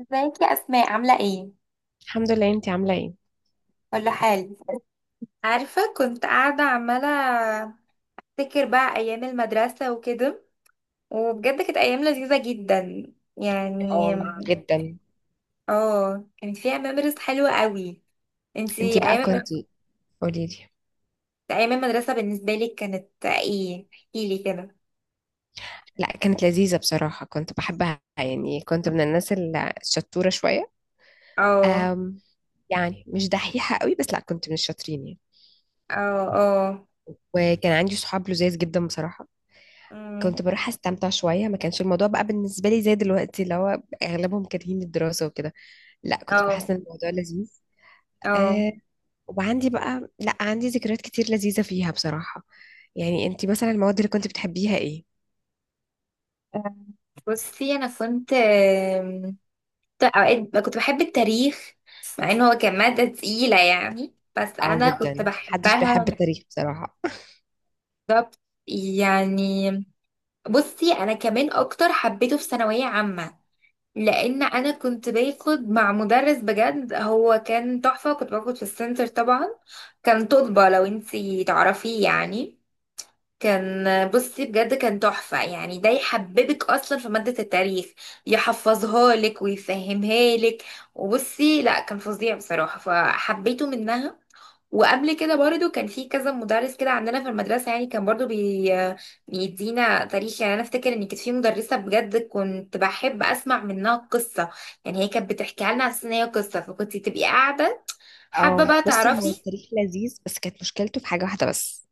ازيك يا اسماء؟ عامله ايه؟ الحمد لله، انتي عاملة ايه؟ كله حال. عارفه كنت قاعده عماله افتكر بقى ايام المدرسه وكده، وبجد كانت ايام لذيذه جدا يعني. اه جدا. اه، كانت فيها ميموريز حلوه قوي. انتي انتي بقى ايام، كنتي، قوليلي. ايام المدرسه بالنسبه لك كانت ايه؟ احكي لي كده. لا، كانت لذيذة بصراحة. كنت بحبها، يعني كنت من الناس الشطورة شوية. اه، أم يعني مش دحيحة قوي، بس لا كنت من الشاطرين يعني. اه، اه، وكان عندي صحاب لذاذ جدا بصراحة. أمم، كنت بروح استمتع شوية، ما كانش الموضوع بقى بالنسبة لي زي دلوقتي، اللي هو اغلبهم كارهين الدراسة وكده. لا، كنت اه، بحس ان الموضوع لذيذ. اه، أه. وعندي بقى، لا، عندي ذكريات كتير لذيذة فيها بصراحة. يعني انتي مثلا المواد اللي كنت بتحبيها ايه؟ آه. بصي انا كنت اوقات كنت بحب التاريخ، مع ان هو كان مادة تقيلة يعني، بس اه، انا كنت جدا. محدش بحبها. بيحب التاريخ بصراحة. بالظبط يعني. بصي انا كمان اكتر حبيته في ثانوية عامة، لان انا كنت باخد مع مدرس، بجد هو كان تحفة. كنت باخد في السنتر طبعا. كان طلبة، لو انتي تعرفيه يعني. كان، بصي بجد كان تحفة يعني، ده يحببك أصلا في مادة التاريخ، يحفظها لك ويفهمها لك. وبصي لا، كان فظيع بصراحة، فحبيته منها. وقبل كده برضو كان في كذا مدرس كده عندنا في المدرسة يعني، كان برضو بيدينا تاريخ. يعني أنا أفتكر إن كانت في مدرسة بجد كنت بحب أسمع منها قصة، يعني هي كانت بتحكيها لنا على أساس إن هي قصة، فكنت تبقي قاعدة حابة اه، بقى بصي، هو تعرفي. التاريخ لذيذ بس كانت مشكلته في حاجة واحدة بس.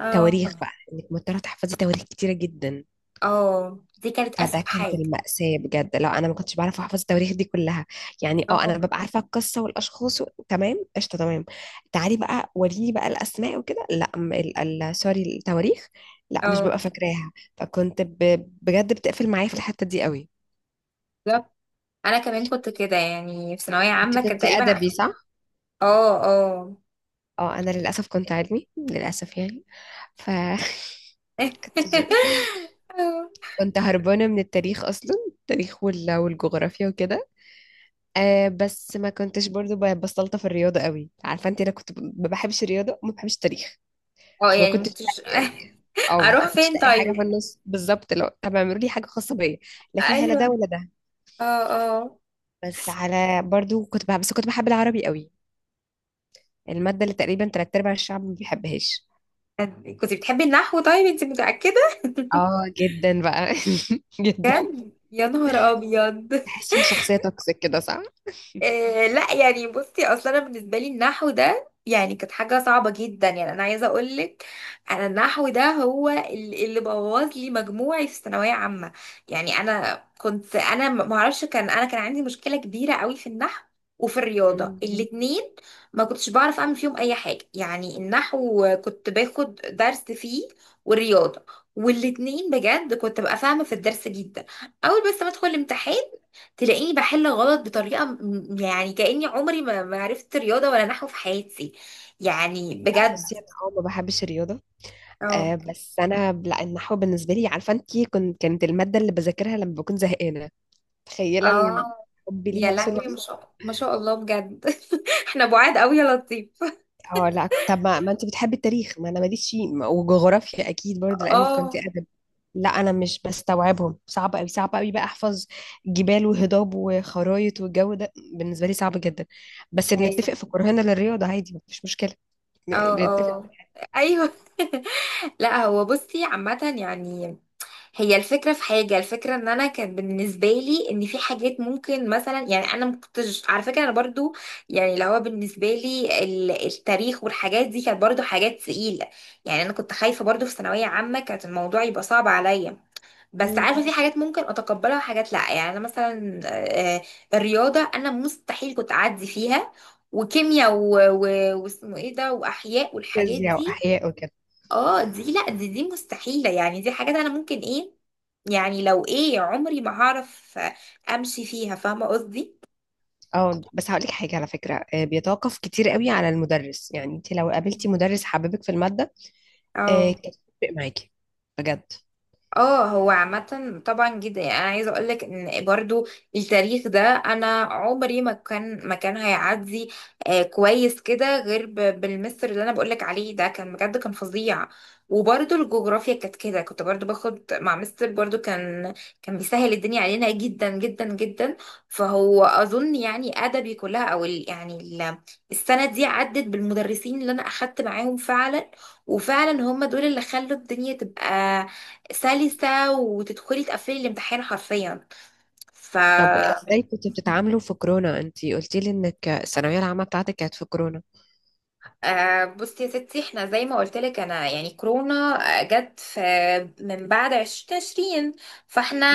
اه، تواريخ بقى، انك مضطرة تحفظي تواريخ كتيرة جدا. اه دي كانت فده أسوأ كانت حاجة. المأساة بجد. لا، انا ما كنتش بعرف احفظ التواريخ دي كلها. يعني اه انا اه، ببقى عارفة القصة والاشخاص تمام قشطة تمام. تعالي بقى، وريني بقى الاسماء وكده، لا سوري، التواريخ. لا، مش اه، ببقى فاكراها. فكنت بجد بتقفل معايا في الحتة دي قوي. بالظبط. انا كمان كنت كده يعني في ثانويه انت عامه كان كنتي تقريبا. ادبي، صح؟ اه، اه، اه، انا للاسف كنت علمي للاسف يعني. فكنت كنت كنت هربانه من التاريخ، اصلا التاريخ والجغرافيا وكده. آه، بس ما كنتش برضو بستلطف في الرياضه قوي. عارفه انت، انا كنت ما بحبش الرياضه وما بحبش التاريخ. اه فما يعني كنتش. مكنتش، اه، اه، ما اروح كنتش فين لاقي حاجه في طيب؟ النص بالظبط، لو طب اعملوا لي حاجه خاصه بيا. لا، فيها لا ده ايوه، ولا ده. اه، اه، بس على برضو كنت بحب، بس كنت بحب العربي قوي. الماده اللي تقريبا تلات ارباع الشعب ما بيحبهاش. كنت بتحبي النحو؟ طيب انت متاكده؟ اه، جدا بقى. جدا. يا نهار ابيض. تحسي ان شخصيه توكسيك كده، صح؟ آه لا يعني، بصي اصلا انا بالنسبه لي النحو ده يعني كانت حاجه صعبه جدا، يعني انا عايزه اقول لك، انا النحو ده هو اللي بوظ لي مجموعي في ثانويه عامه. يعني انا كنت، انا ما اعرفش، كان انا كان عندي مشكله كبيره قوي في النحو وفي الرياضه مم. الاتنين. ما كنتش بعرف اعمل فيهم اي حاجه يعني. النحو كنت باخد درس فيه، والرياضه، والاتنين بجد كنت ببقى فاهمه في الدرس جدا اول، بس ما ادخل الامتحان تلاقيني بحل غلط بطريقة يعني كأني عمري ما عرفت رياضة ولا نحو في حياتي، يعني لا، بجد. بصي انا ما بحبش الرياضه. اه، آه، بس انا لا، النحو بالنسبه لي، عارفه انت، كنت كانت الماده اللي بذاكرها لما بكون زهقانه. تخيله اه، حبي ليها يا وصل لهوي ما لفين. شاء الله بجد. احنا بعاد قوي يا لطيف. اه، لا، طب ما انت بتحبي التاريخ، ما انا ماليش فيه، وجغرافيا اكيد برضه لاني كنت اه، ادب. لا، انا مش بستوعبهم، صعب قوي صعب قوي بقى احفظ جبال وهضاب وخرايط، والجو ده بالنسبه لي صعب جدا. بس اه، بنتفق في كرهنا للرياضه، عادي مفيش مشكله. بنتفق. اه، ايوه. لا هو بصي عامة يعني، هي الفكرة في حاجة، الفكرة ان انا كان بالنسبة لي ان في حاجات ممكن مثلا، يعني انا مكنتش على فكرة، انا برضو يعني اللي هو بالنسبة لي التاريخ والحاجات دي كانت برضو حاجات تقيلة. يعني انا كنت خايفة برضو في ثانوية عامة كانت الموضوع يبقى صعب عليا، بس عارفة في حاجات ممكن اتقبلها وحاجات لا. يعني انا مثلا الرياضة انا مستحيل كنت اعدي فيها، وكيمياء واسمه ايه ده، واحياء والحاجات فيزياء دي. واحياء وكده. اه دي لا، دي مستحيلة يعني. دي حاجات انا ممكن ايه يعني، لو ايه عمري ما هعرف امشي فيها، فاهمة قصدي؟ اه، بس هقول لك حاجه على فكره، بيتوقف كتير قوي على المدرس. يعني انت لو قابلتي مدرس حبيبك في الماده، اه، كانت هتفرق معاكي. بجد. اه هو عامة طبعا جدا. يعني انا عايزة اقولك ان برضو التاريخ ده انا عمري ما كان هيعدي. آه كويس كده، غير بالمستر اللي انا بقولك عليه ده، كان بجد كان فظيع. وبرضو الجغرافيا كانت كده، كنت برضو باخد مع مستر برضو، كان كان بيسهل الدنيا علينا جدا جدا جدا. فهو اظن يعني ادبي كلها، او ال يعني ال، السنة دي عدت بالمدرسين اللي انا اخدت معاهم فعلا، وفعلا هم دول اللي خلوا الدنيا تبقى سلسة، وتدخلي تقفلي الامتحان حرفيا. ف، طب ازاي كنتوا بتتعاملوا في كورونا؟ انت قلتي لي انك الثانويه العامه بتاعتك كانت في كورونا. آه بصي يا ستي، احنا زي ما قلت لك انا، يعني كورونا جت في من بعد 2020، فاحنا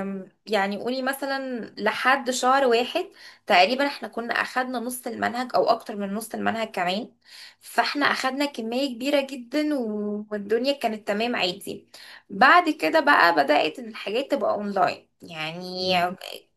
يعني قولي مثلا لحد شهر واحد تقريبا احنا كنا اخدنا نص المنهج او اكتر من نص المنهج كمان. فاحنا اخدنا كمية كبيرة جدا، والدنيا كانت تمام عادي. بعد كده بقى بدأت الحاجات تبقى اونلاين يعني، مم.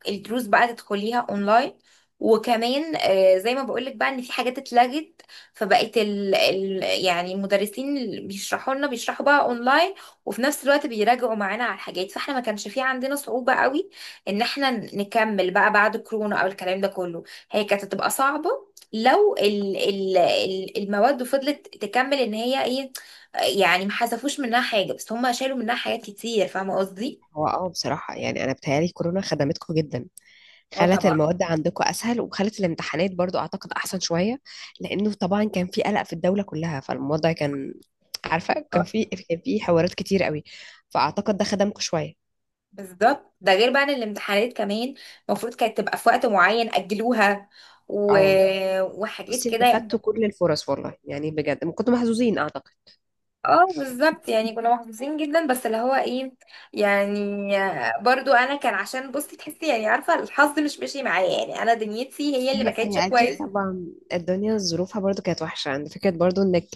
الدروس بقى تدخليها اونلاين. وكمان زي ما بقولك بقى ان في حاجات اتلغت. فبقيت يعني المدرسين اللي بيشرحوا لنا بيشرحوا بقى اونلاين، وفي نفس الوقت بيراجعوا معانا على الحاجات. فاحنا ما كانش في عندنا صعوبة قوي ان احنا نكمل بقى بعد كورونا او الكلام ده كله. هي كانت هتبقى صعبة لو المواد فضلت تكمل ان هي ايه. يعني ما حذفوش منها حاجة، بس هم شالوا منها حاجات كتير، فاهمة قصدي؟ هو بصراحه يعني انا بتهيالي كورونا خدمتكم جدا. اه خلت طبعا. المواد عندكم اسهل، وخلت الامتحانات برضو اعتقد احسن شويه. لانه طبعا كان في قلق في الدوله كلها، فالموضوع كان، عارفه، كان في حوارات كتير قوي. فاعتقد ده خدمكم شويه. بالظبط، ده غير بقى ان الامتحانات كمان المفروض كانت تبقى في وقت معين اجلوها، و... اه، وحاجات بصي كده انتوا يعني. خدتوا كل الفرص والله، يعني بجد كنتوا محظوظين اعتقد. اه بالظبط، يعني كنا محظوظين جدا، بس اللي هو ايه يعني، برضو انا كان عشان بصي تحسي، يعني عارفه الحظ مش ماشي معايا، يعني انا دنيتي هي بس اللي هي ما كانتش هي اكيد كويسه. طبعا، الدنيا ظروفها برضو كانت وحشه. عند فكره برضو انك،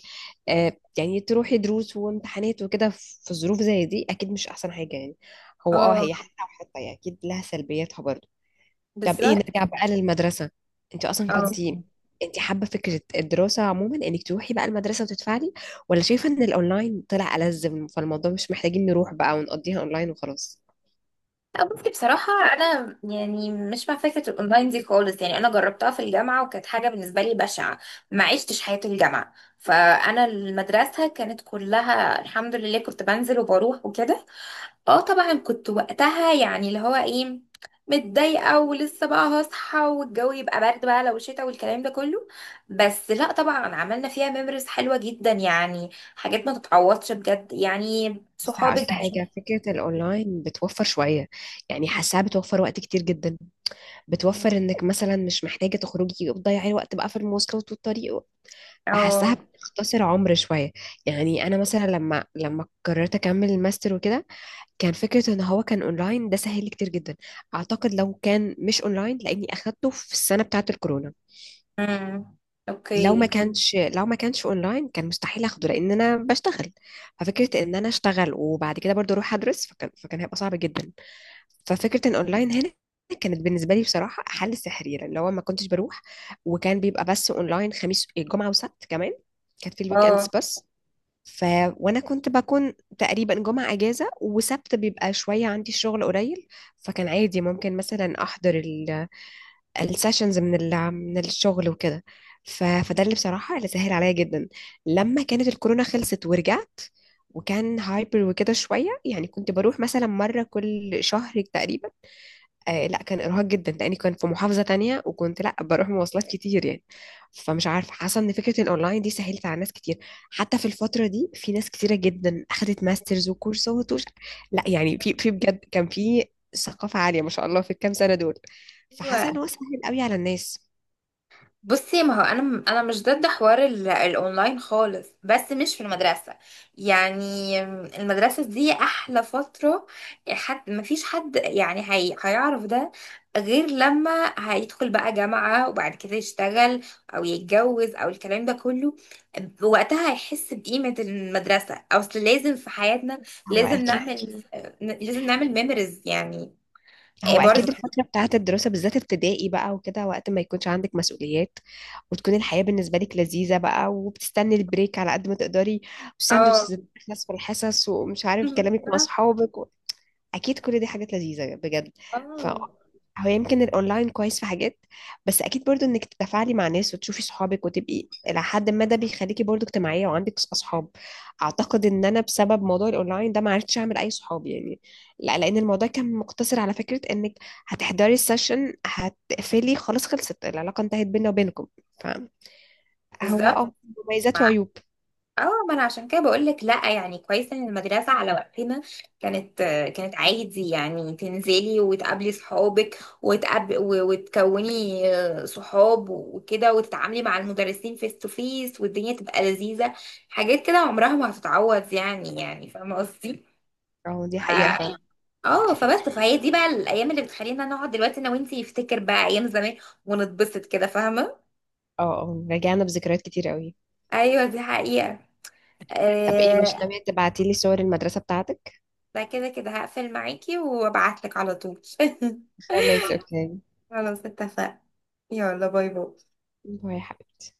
آه يعني تروحي دروس وامتحانات وكده في ظروف زي دي، اكيد مش احسن حاجه يعني. هو اه هي حتة وحتة، يعني اكيد لها سلبياتها برضو. طب ايه، بالظبط. نرجع بقى للمدرسة. انت اصلا كنت، اه انت حابة فكرة الدراسة عموما انك تروحي بقى المدرسة وتدفعي، ولا شايفة ان الاونلاين طلع ألزم، فالموضوع مش محتاجين نروح بقى ونقضيها اونلاين وخلاص؟ لا بصي بصراحة أنا يعني مش مع فكرة الأونلاين دي خالص. يعني أنا جربتها في الجامعة وكانت حاجة بالنسبة لي بشعة، ما عشتش حياة الجامعة. فأنا المدرسة كانت كلها الحمد لله كنت بنزل وبروح وكده. اه طبعا كنت وقتها يعني اللي هو ايه، متضايقة، ولسه بقى هصحى والجو يبقى برد بقى لو شتا والكلام ده كله، بس لا طبعا عملنا فيها ميموريز حلوة جدا يعني، حاجات ما تتعوضش بجد يعني بس صحابك. هقولك حاجة، فكرة الأونلاين بتوفر شوية، يعني حاساها بتوفر وقت كتير جدا. بتوفر إنك مثلا مش محتاجة تخرجي وتضيعي وقت بقى في المواصلات والطريق، فحاساها اه، بتختصر عمر شوية. يعني أنا مثلا لما قررت أكمل الماستر وكده، كان فكرة ان هو كان اونلاين ده سهل لي كتير جدا. اعتقد لو كان مش اونلاين، لاني اخدته في السنة بتاعة الكورونا، امم، اوكي، لو ما كانش اونلاين كان مستحيل اخده لان انا بشتغل. ففكرة ان انا اشتغل وبعد كده برضو اروح ادرس، فكان هيبقى صعب جدا. ففكرة ان اونلاين هنا كانت بالنسبة لي بصراحة حل سحري، لان هو ما كنتش بروح. وكان بيبقى بس اونلاين خميس جمعة وسبت كمان، كانت في الويك اندز اه، بس. ف وانا كنت بكون تقريبا جمعة اجازة، وسبت بيبقى شوية عندي شغل قليل. فكان عادي ممكن مثلا احضر السيشنز من من الشغل وكده. فده اللي مم. بصراحة اللي سهل عليا جدا. لما كانت الكورونا خلصت ورجعت، وكان هايبر وكده شوية يعني، كنت بروح مثلا مرة كل شهر تقريبا. آه، لا، كان ارهاق جدا لاني كنت في محافظه تانية، وكنت لا بروح مواصلات كتير يعني. فمش عارفه، حاسه ان فكره الاونلاين دي سهلت على ناس كتير. حتى في الفتره دي في ناس كتيره جدا اخذت ماسترز وكورسات لا يعني في بجد كان في ثقافه عاليه ما شاء الله في الكام سنه دول. فحاسه ان ايوه، هو سهل قوي على الناس. بصي ما هو انا، مش ضد حوار الاونلاين خالص، بس مش في المدرسه يعني. المدرسه دي احلى فتره، حد ما فيش حد يعني هي هيعرف ده غير لما هيدخل بقى جامعه، وبعد كده يشتغل او يتجوز او الكلام ده كله. وقتها هيحس بقيمه المدرسه. اصل لازم في حياتنا، هو لازم اكيد نعمل، لازم نعمل ميموريز يعني. هو برضه اكيد الفتره بتاعه الدراسه بالذات ابتدائي بقى وكده، وقت ما يكونش عندك مسؤوليات وتكون الحياه بالنسبه لك لذيذه بقى، وبتستني البريك على قد ما تقدري، اه والساندوتشز بتخلص في الحصص، ومش عارف بالظبط. كلامك مع اه اصحابك. اكيد كل دي حاجات لذيذه بجد. ف بالظبط، هو يمكن الاونلاين كويس في حاجات، بس اكيد برضو انك تتفاعلي مع ناس وتشوفي صحابك وتبقي الى حد ما، ده بيخليكي برضو اجتماعيه وعندك اصحاب. اعتقد ان انا بسبب موضوع الاونلاين ده ما عرفتش اعمل اي صحاب يعني. لا، لان الموضوع كان مقتصر على فكره انك هتحضري السيشن هتقفلي، خلاص خلصت العلاقه، انتهت بيننا وبينكم. فهو بالظبط. مميزات وعيوب. اه ما انا عشان كده بقول لك لا، يعني كويس ان المدرسه على وقتنا كانت، كانت عادي يعني تنزلي وتقابلي صحابك، وتقاب وتكوني صحاب وكده، وتتعاملي مع المدرسين فيس تو فيس، والدنيا تبقى لذيذه. حاجات كده عمرها ما هتتعوض يعني، يعني فاهمه قصدي. اه، دي حقيقه فعلا. بالظبط. اه فبس، فهي دي بقى الايام اللي بتخلينا نقعد دلوقتي انا وانتي نفتكر بقى ايام زمان ونتبسط كده، فاهمه؟ اه، اه، رجعنا بذكريات كتير قوي. ايوه دي حقيقه. طب ايه، مش آه، ناويه تبعتي لي صور المدرسه بتاعتك؟ ده كده كده هقفل معاكي وابعتلك على طول. خلاص، اوكي. خلاص اتفقنا، يلا باي باي. باي حبيبتي.